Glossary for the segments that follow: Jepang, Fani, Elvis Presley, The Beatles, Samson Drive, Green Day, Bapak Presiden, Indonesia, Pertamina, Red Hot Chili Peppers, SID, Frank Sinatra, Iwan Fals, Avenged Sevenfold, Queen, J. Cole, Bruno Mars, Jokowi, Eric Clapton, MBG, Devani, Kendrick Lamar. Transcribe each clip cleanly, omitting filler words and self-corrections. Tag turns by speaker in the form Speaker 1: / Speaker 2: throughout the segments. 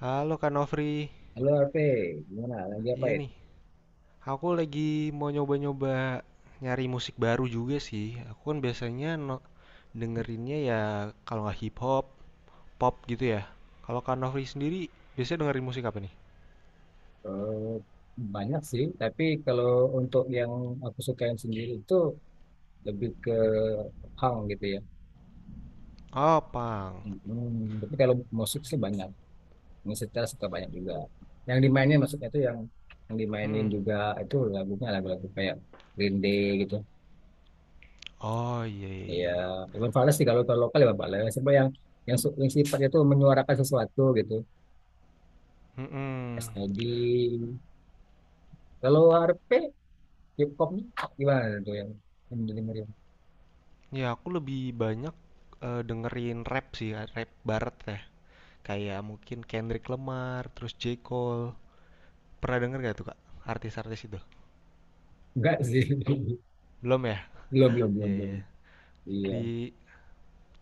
Speaker 1: Halo Kak Nofri,
Speaker 2: Halo RP, gimana? Lagi apa
Speaker 1: iya
Speaker 2: itu?
Speaker 1: nih, aku lagi mau nyoba-nyoba nyari musik baru juga sih. Aku kan biasanya dengerinnya ya kalau nggak hip hop, pop gitu ya. Kalau Kak Nofri sendiri biasanya dengerin musik apa nih?
Speaker 2: Eh, Banyak sih, tapi kalau untuk yang aku sukain sendiri itu lebih ke hang gitu ya.
Speaker 1: Oh, punk.
Speaker 2: Tapi kalau musik sih banyak, musik setel suka banyak juga. Yang dimainin maksudnya itu yang dimainin
Speaker 1: Mm-mm.
Speaker 2: juga itu lagunya lagu-lagu kayak Green Day gitu.
Speaker 1: Oh iya, iya,
Speaker 2: Ya,
Speaker 1: iya.
Speaker 2: Iwan Fals sih, kalau kalau lokal Iwan Fals. Siapa yang sifatnya itu menyuarakan sesuatu gitu.
Speaker 1: Mm-mm.
Speaker 2: SID. Kalau RP, hip hopnya gimana tuh yang didengerin?
Speaker 1: Ya aku lebih banyak dengerin rap sih, rap barat ya. Kayak mungkin Kendrick Lamar, terus J. Cole. Pernah denger gak tuh Kak? Artis-artis itu?
Speaker 2: Enggak sih.
Speaker 1: Belum ya?
Speaker 2: Belum, belum, belum,
Speaker 1: Iya,
Speaker 2: belum.
Speaker 1: iya.
Speaker 2: Iya.
Speaker 1: Di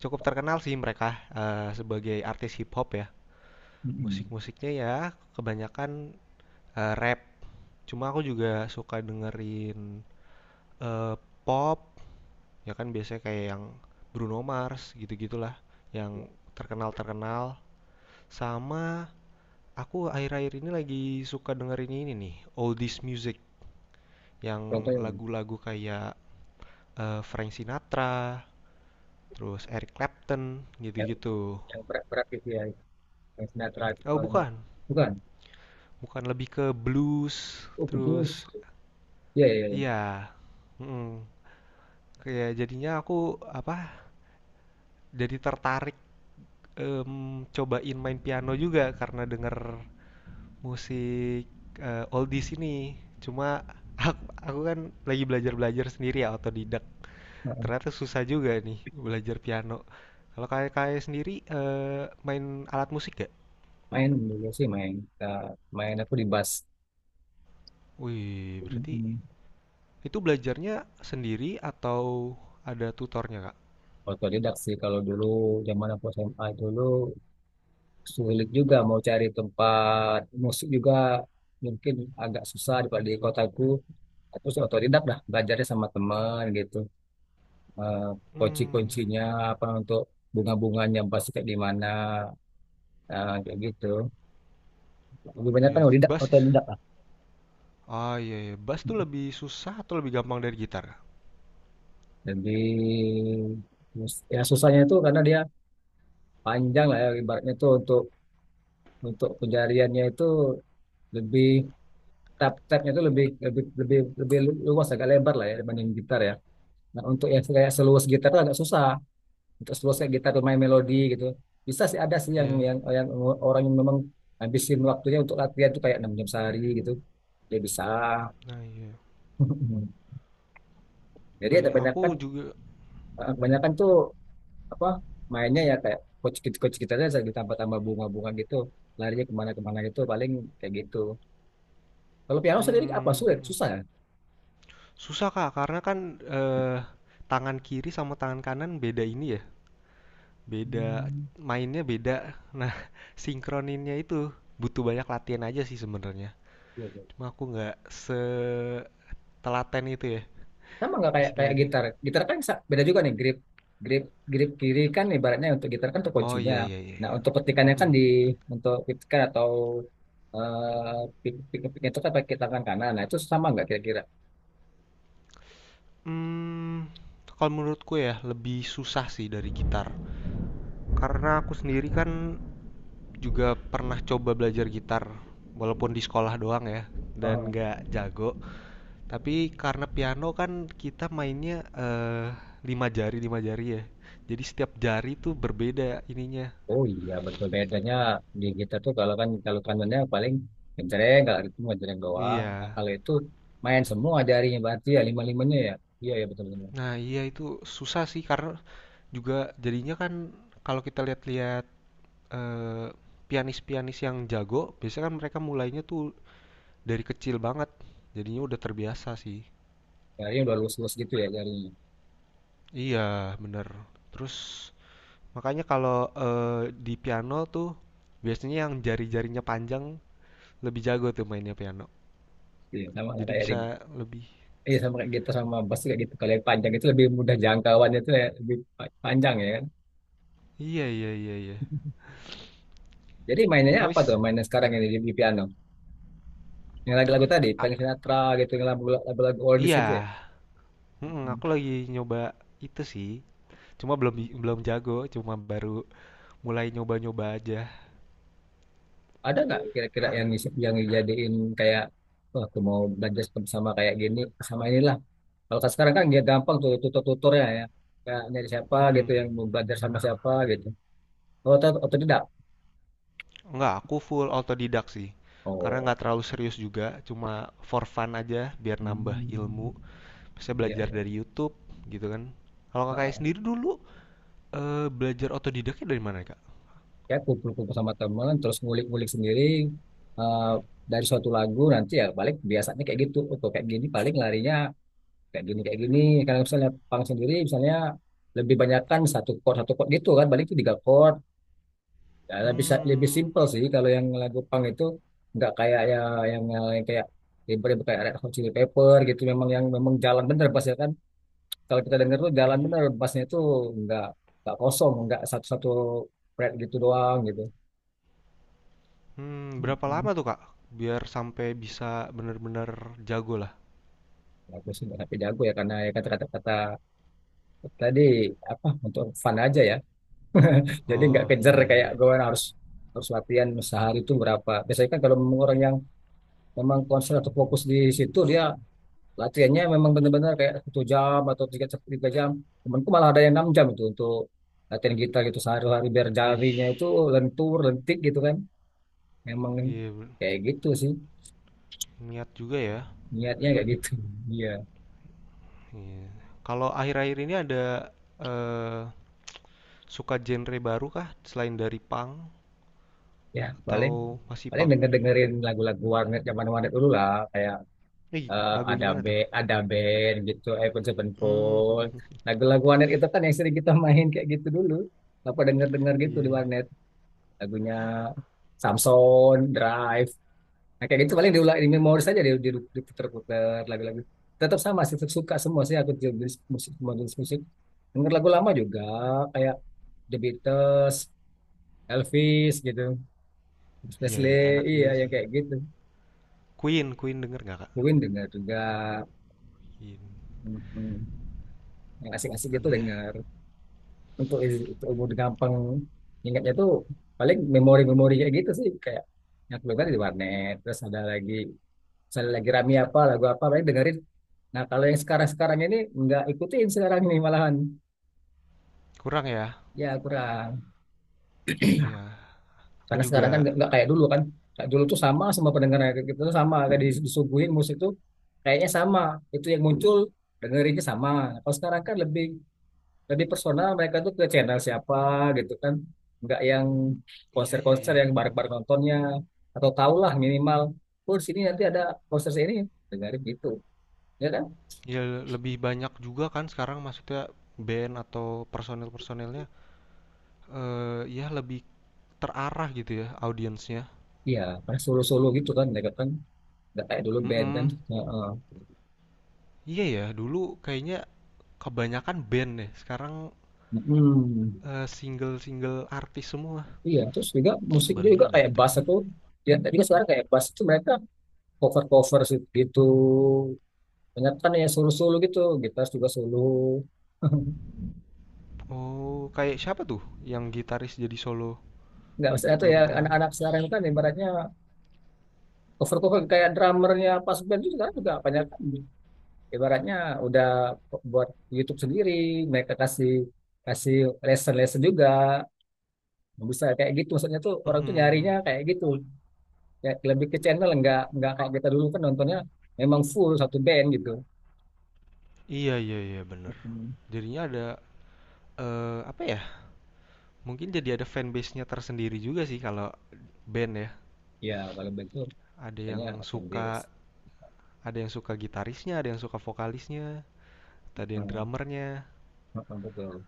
Speaker 1: cukup terkenal sih mereka, sebagai artis hip hop ya.
Speaker 2: Mm-mm.
Speaker 1: Musik-musiknya ya kebanyakan, rap. Cuma aku juga suka dengerin, eee, pop, ya kan biasanya kayak yang Bruno Mars gitu-gitulah, yang terkenal-terkenal. Sama aku akhir-akhir ini lagi suka dengerin ini nih, oldies music,
Speaker 2: Contoh
Speaker 1: yang lagu-lagu kayak, Frank Sinatra, terus Eric Clapton,
Speaker 2: yang,
Speaker 1: gitu-gitu.
Speaker 2: yang berat-berat gitu ya. Yang sinetron itu
Speaker 1: Oh
Speaker 2: soalnya.
Speaker 1: bukan,
Speaker 2: Bukan.
Speaker 1: bukan, lebih ke blues,
Speaker 2: Oh, kudus.
Speaker 1: terus
Speaker 2: Iya, iya, iya.
Speaker 1: iya, mhm, kayak jadinya aku, apa, jadi tertarik, cobain main piano juga karena denger musik, oldies ini. Cuma aku aku kan lagi belajar-belajar sendiri ya, otodidak.
Speaker 2: Heeh.
Speaker 1: Ternyata susah juga nih belajar piano. Kalau kayak kayak sendiri, main alat musik gak?
Speaker 2: Main dulu sih main. Nah, main aku di bus.
Speaker 1: Wih, berarti
Speaker 2: Mm-mm.
Speaker 1: itu belajarnya sendiri atau ada tutornya, Kak?
Speaker 2: Otodidak sih kalau dulu, zaman aku SMA dulu sulit juga mau cari tempat musik juga, mungkin agak susah di kotaku. Terus otodidak dah belajarnya sama teman gitu, eh,
Speaker 1: Mmm.
Speaker 2: kunci-kuncinya apa untuk bunga-bunganya pasti kayak gimana, nah, kayak gitu, lebih banyak kan
Speaker 1: Iya,
Speaker 2: otodidak otodidak lah.
Speaker 1: ah iya iya, bass tuh lebih susah atau lebih gampang dari gitar?
Speaker 2: Jadi ya, susahnya itu karena dia panjang lah ya, ibaratnya itu untuk pencariannya itu lebih, tab-tabnya itu lebih lebih lebih lebih luas, agak lebar lah ya dibanding gitar ya. Nah, untuk yang kayak seluas gitar itu agak susah. Untuk selesai gitar bermain melodi gitu bisa sih, ada sih yang
Speaker 1: Iya, iya.
Speaker 2: yang yang orang yang memang habisin waktunya untuk latihan tuh kayak 6 jam sehari gitu dia bisa.
Speaker 1: Nah iya.
Speaker 2: Jadi
Speaker 1: Nah,
Speaker 2: ada
Speaker 1: iya.
Speaker 2: banyak kan.
Speaker 1: Aku juga
Speaker 2: Kebanyakan tuh apa, mainnya ya kayak coach kita aja ditambah-tambah bunga-bunga gitu, larinya kemana-kemana gitu paling kayak gitu. Kalau piano sendiri apa,
Speaker 1: hmm,
Speaker 2: sulit
Speaker 1: hmm,
Speaker 2: susah ya?
Speaker 1: susah Kak karena kan tangan kiri sama tangan kanan beda ini ya. Beda
Speaker 2: Hmm.
Speaker 1: mainnya beda. Nah, sinkroninnya itu butuh banyak latihan aja sih sebenarnya.
Speaker 2: Iya, iya.
Speaker 1: Cuma aku nggak setelaten itu ya
Speaker 2: Sama nggak, kayak kayak
Speaker 1: istilahnya.
Speaker 2: gitar gitar kan beda juga nih grip grip grip kiri kan ibaratnya untuk gitar kan tuh
Speaker 1: Oh
Speaker 2: kuncinya.
Speaker 1: iya iya iya
Speaker 2: Nah,
Speaker 1: iya.
Speaker 2: untuk petikannya kan
Speaker 1: Mm-mm.
Speaker 2: untuk petikan atau eh pik pik pik itu kan pakai tangan kanan. Nah, itu sama nggak kira-kira?
Speaker 1: Hmm, kalau menurutku ya lebih susah sih dari gitar. Karena aku sendiri kan juga pernah coba belajar gitar walaupun di sekolah doang ya dan
Speaker 2: Oh,
Speaker 1: nggak jago. Tapi karena piano kan kita mainnya lima jari ya. Jadi setiap jari tuh berbeda ininya.
Speaker 2: oh iya betul, bedanya di gitar tuh kalau kanannya paling genjreng, kalau itu cuma genjreng doang. Nah,
Speaker 1: Iya.
Speaker 2: kalau itu main semua jarinya berarti ya lima limanya ya. Iya ya, betul betul.
Speaker 1: Nah, iya itu susah sih karena juga jadinya kan kalau kita lihat-lihat eh, pianis-pianis yang jago, biasanya kan mereka mulainya tuh dari kecil banget. Jadinya udah terbiasa sih.
Speaker 2: Jarinya udah lurus lurus gitu ya jarinya.
Speaker 1: Iya, bener. Terus makanya kalau di piano tuh biasanya yang jari-jarinya panjang lebih jago tuh mainnya piano.
Speaker 2: Iya. Sama nggak
Speaker 1: Jadi
Speaker 2: kayak di.
Speaker 1: bisa lebih.
Speaker 2: Iya sama kayak gitu, sama bus kayak gitu. Kalau yang panjang itu lebih mudah jangkauannya itu, ya lebih panjang ya kan.
Speaker 1: Iya iya iya iya.
Speaker 2: Jadi mainnya apa tuh,
Speaker 1: Habis
Speaker 2: mainnya sekarang ini di piano? Yang lagu-lagu tadi,
Speaker 1: a-
Speaker 2: Frank Sinatra gitu, yang lagu-lagu oldies gitu ya.
Speaker 1: iya, mm-mm,
Speaker 2: Hmm.
Speaker 1: aku lagi nyoba itu sih. Cuma belum belum jago, cuma baru mulai nyoba-nyoba aja.
Speaker 2: Ada nggak kira-kira
Speaker 1: Ka-
Speaker 2: yang dijadiin kayak, wah aku mau belajar seperti sama kayak gini, sama inilah. Kalau kan sekarang kan dia gampang tuh tutor-tutornya ya. Kayak nyari siapa
Speaker 1: Mm-mm.
Speaker 2: gitu yang mau belajar sama siapa gitu. Oh, atau tidak?
Speaker 1: Enggak, aku full autodidak sih. Karena
Speaker 2: Oh.
Speaker 1: nggak terlalu serius juga, cuma for fun aja biar nambah ilmu.
Speaker 2: Hmm.
Speaker 1: Bisa
Speaker 2: Iya,
Speaker 1: belajar dari YouTube gitu kan. Kalau kakaknya
Speaker 2: iya.
Speaker 1: sendiri dulu belajar otodidaknya dari mana, Kak?
Speaker 2: Ya kumpul-kumpul sama teman terus ngulik-ngulik sendiri, eh, dari suatu lagu nanti ya balik biasanya kayak gitu. Oh, kok kayak gini, paling larinya kayak gini kayak gini. Kalau misalnya pang sendiri, misalnya lebih banyakkan satu chord gitu kan, balik itu tiga chord. Ya, lebih lebih
Speaker 1: Hmm,
Speaker 2: simple sih kalau yang lagu pang itu, nggak kayak ya, yang, yang kayak ribet-ribet kayak Red Hot Chili Pepper gitu. Memang yang memang jalan bener bassnya kan, kalau kita denger tuh
Speaker 1: iya
Speaker 2: jalan
Speaker 1: ya.
Speaker 2: bener bassnya itu nggak nggak kosong, nggak satu-satu fret gitu doang gitu.
Speaker 1: Hmm, berapa lama tuh, Kak? Biar sampai bisa bener-bener jago lah.
Speaker 2: Bagus sih, tapi jago ya karena ya kata-kata tadi apa, untuk fun aja ya. Jadi nggak
Speaker 1: Oh,
Speaker 2: kejar
Speaker 1: iya iya
Speaker 2: kayak
Speaker 1: iya.
Speaker 2: gue harus harus latihan sehari itu berapa. Biasanya kan kalau memang orang yang memang konsen atau fokus di situ, dia latihannya memang benar-benar kayak satu jam atau tiga jam. Temanku malah ada yang 6 jam itu untuk latihan gitar gitu sehari-hari biar
Speaker 1: Wih,
Speaker 2: jarinya itu lentur lentik gitu kan. Memang
Speaker 1: iya be
Speaker 2: kayak gitu sih,
Speaker 1: niat juga ya.
Speaker 2: niatnya kayak gitu. Iya.
Speaker 1: Iya. Kalau akhir-akhir ini ada, eee, suka genre baru kah selain dari punk
Speaker 2: Ya paling
Speaker 1: atau masih
Speaker 2: paling
Speaker 1: punk?
Speaker 2: dengerin lagu-lagu warnet, zaman warnet dulu lah, kayak
Speaker 1: Ih,
Speaker 2: eh,
Speaker 1: lagu
Speaker 2: ada
Speaker 1: gimana
Speaker 2: be
Speaker 1: tuh?
Speaker 2: ada band gitu Avenged
Speaker 1: Hmm, mhm
Speaker 2: Sevenfold.
Speaker 1: mhm.
Speaker 2: Lagu-lagu warnet itu kan yang sering kita main kayak gitu dulu, apa denger denger gitu
Speaker 1: Iya
Speaker 2: di
Speaker 1: iya.
Speaker 2: warnet, lagunya Samson Drive. Nah kayak gitu paling diulang di memori saja, diputer-puter lagu-lagu. Tetap sama sih, tetap suka semua sih aku jenis musik, semua jenis musik, denger lagu lama juga kayak The Beatles, Elvis gitu,
Speaker 1: Iya
Speaker 2: Presley.
Speaker 1: iya, enak
Speaker 2: Iya
Speaker 1: juga
Speaker 2: yang
Speaker 1: sih.
Speaker 2: kayak gitu,
Speaker 1: Queen Queen denger nggak, Kak?
Speaker 2: mungkin dengar juga
Speaker 1: Queen.
Speaker 2: mm, yang asik-asik gitu
Speaker 1: Iya,
Speaker 2: dengar. Untuk umur gampang ingatnya tuh, paling memori-memori kayak gitu sih, kayak yang aku dengar di warnet. Terus ada lagi, misalnya lagi rame apa lagu apa paling dengerin. Nah kalau yang sekarang-sekarang ini nggak ikutin, sekarang ini malahan
Speaker 1: kurang ya?
Speaker 2: ya kurang.
Speaker 1: Iya. Aku
Speaker 2: Karena sekarang kan
Speaker 1: juga
Speaker 2: nggak kayak dulu kan, kayak dulu tuh sama semua pendengarnya kayak gitu tuh sama, kayak disuguhin musik tuh kayaknya sama, itu yang muncul, dengerinnya sama. Kalau sekarang kan lebih lebih personal mereka tuh ke channel siapa gitu kan, nggak yang
Speaker 1: iya iya
Speaker 2: konser-konser
Speaker 1: iya.
Speaker 2: yang bareng-bareng nontonnya, atau tahulah minimal oh di sini nanti ada konser ini, dengerin gitu ya kan.
Speaker 1: Ya lebih banyak juga kan sekarang maksudnya band atau personil-personilnya eh ya lebih terarah gitu ya audiensnya.
Speaker 2: Iya, pas solo-solo gitu kan mereka kan, nggak kayak dulu band kan.
Speaker 1: Mm-mm.
Speaker 2: Heeh.
Speaker 1: Iya ya, dulu kayaknya kebanyakan band deh. Sekarang
Speaker 2: Mm-mm.
Speaker 1: single-single artis semua.
Speaker 2: Iya, terus juga musik
Speaker 1: Baru
Speaker 2: juga
Speaker 1: nyadar
Speaker 2: kayak
Speaker 1: tuh.
Speaker 2: bass itu, ya tadi kan sekarang kayak bass itu mereka cover-cover sih gitu, banyak kan, ya solo-solo gitu, gitar juga solo.
Speaker 1: Oh, kayak siapa tuh yang gitaris jadi solo?
Speaker 2: Nggak,
Speaker 1: Aku
Speaker 2: maksudnya tuh
Speaker 1: belum
Speaker 2: ya
Speaker 1: pernah.
Speaker 2: anak-anak sekarang kan ibaratnya cover cover, kayak drummernya pas band itu sekarang juga banyak kan. Ibaratnya udah buat YouTube sendiri, mereka kasih kasih lesson lesson juga bisa, kayak gitu maksudnya tuh orang tuh nyarinya
Speaker 1: Mhm.
Speaker 2: kayak gitu, ya lebih ke channel, nggak kayak kita dulu kan nontonnya memang full satu band gitu.
Speaker 1: Iya iya iya bener.
Speaker 2: Mm-mm.
Speaker 1: Jadinya ada apa ya? Mungkin jadi ada fanbase-nya tersendiri juga sih kalau band ya.
Speaker 2: Ya kalau band tuh
Speaker 1: Ada
Speaker 2: misalnya
Speaker 1: yang
Speaker 2: open bass.
Speaker 1: suka ada yang suka gitarisnya, ada yang suka vokalisnya, ada yang
Speaker 2: Mm,
Speaker 1: drummernya.
Speaker 2: mm, betul.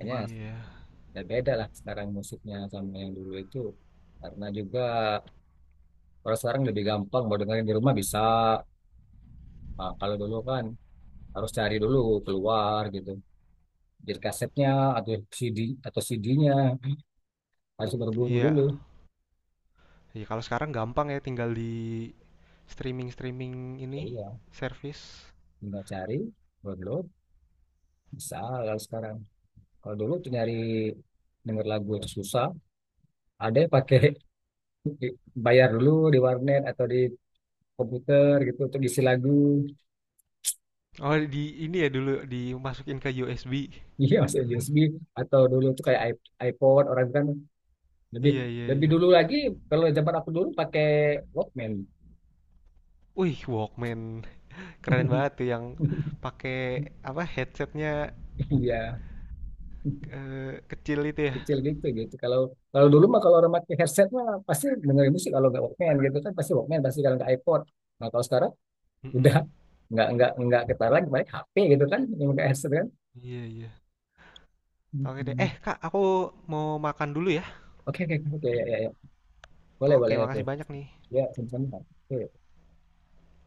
Speaker 1: Iya iya.
Speaker 2: ya beda lah sekarang musiknya sama yang dulu itu, karena juga orang sekarang lebih gampang mau dengerin di rumah bisa. Nah, kalau dulu kan harus cari dulu, keluar gitu. Jadi kasetnya atau CD atau CD-nya harus berburu dulu.
Speaker 1: Iya. Ya kalau sekarang gampang ya tinggal di streaming-streaming
Speaker 2: Ya,
Speaker 1: ini
Speaker 2: iya,
Speaker 1: service.
Speaker 2: tinggal cari, download, bisa kalau sekarang. Kalau dulu tuh nyari denger lagu itu susah. Ada yang pakai bayar dulu di warnet atau di komputer gitu untuk isi lagu.
Speaker 1: Oh di ini ya dulu dimasukin ke USB.
Speaker 2: Iya, masuk USB, atau dulu tuh kayak iPod orang kan lebih
Speaker 1: Iya iya
Speaker 2: lebih
Speaker 1: iya.
Speaker 2: dulu lagi. Kalau zaman aku dulu pakai Walkman.
Speaker 1: Wih Walkman keren banget tuh yang pakai apa headsetnya
Speaker 2: Iya.
Speaker 1: kecil itu ya.
Speaker 2: Kecil gitu gitu, kalau kalau dulu mah kalau orang pakai headset mah pasti dengerin musik, kalau nggak Walkman gitu kan, pasti Walkman, pasti kalau nggak iPod. Nah kalau sekarang
Speaker 1: Mm-mm.
Speaker 2: udah nggak ketaruh lagi, paling HP gitu kan yang pakai headset kan.
Speaker 1: Iya iya. Oke deh. Eh
Speaker 2: Mm-mm.
Speaker 1: Kak, aku mau makan dulu ya.
Speaker 2: Oke oke oke, ya ya ya, boleh
Speaker 1: Oke,
Speaker 2: boleh, oke.
Speaker 1: makasih banyak nih.
Speaker 2: Ya teman-teman, oke.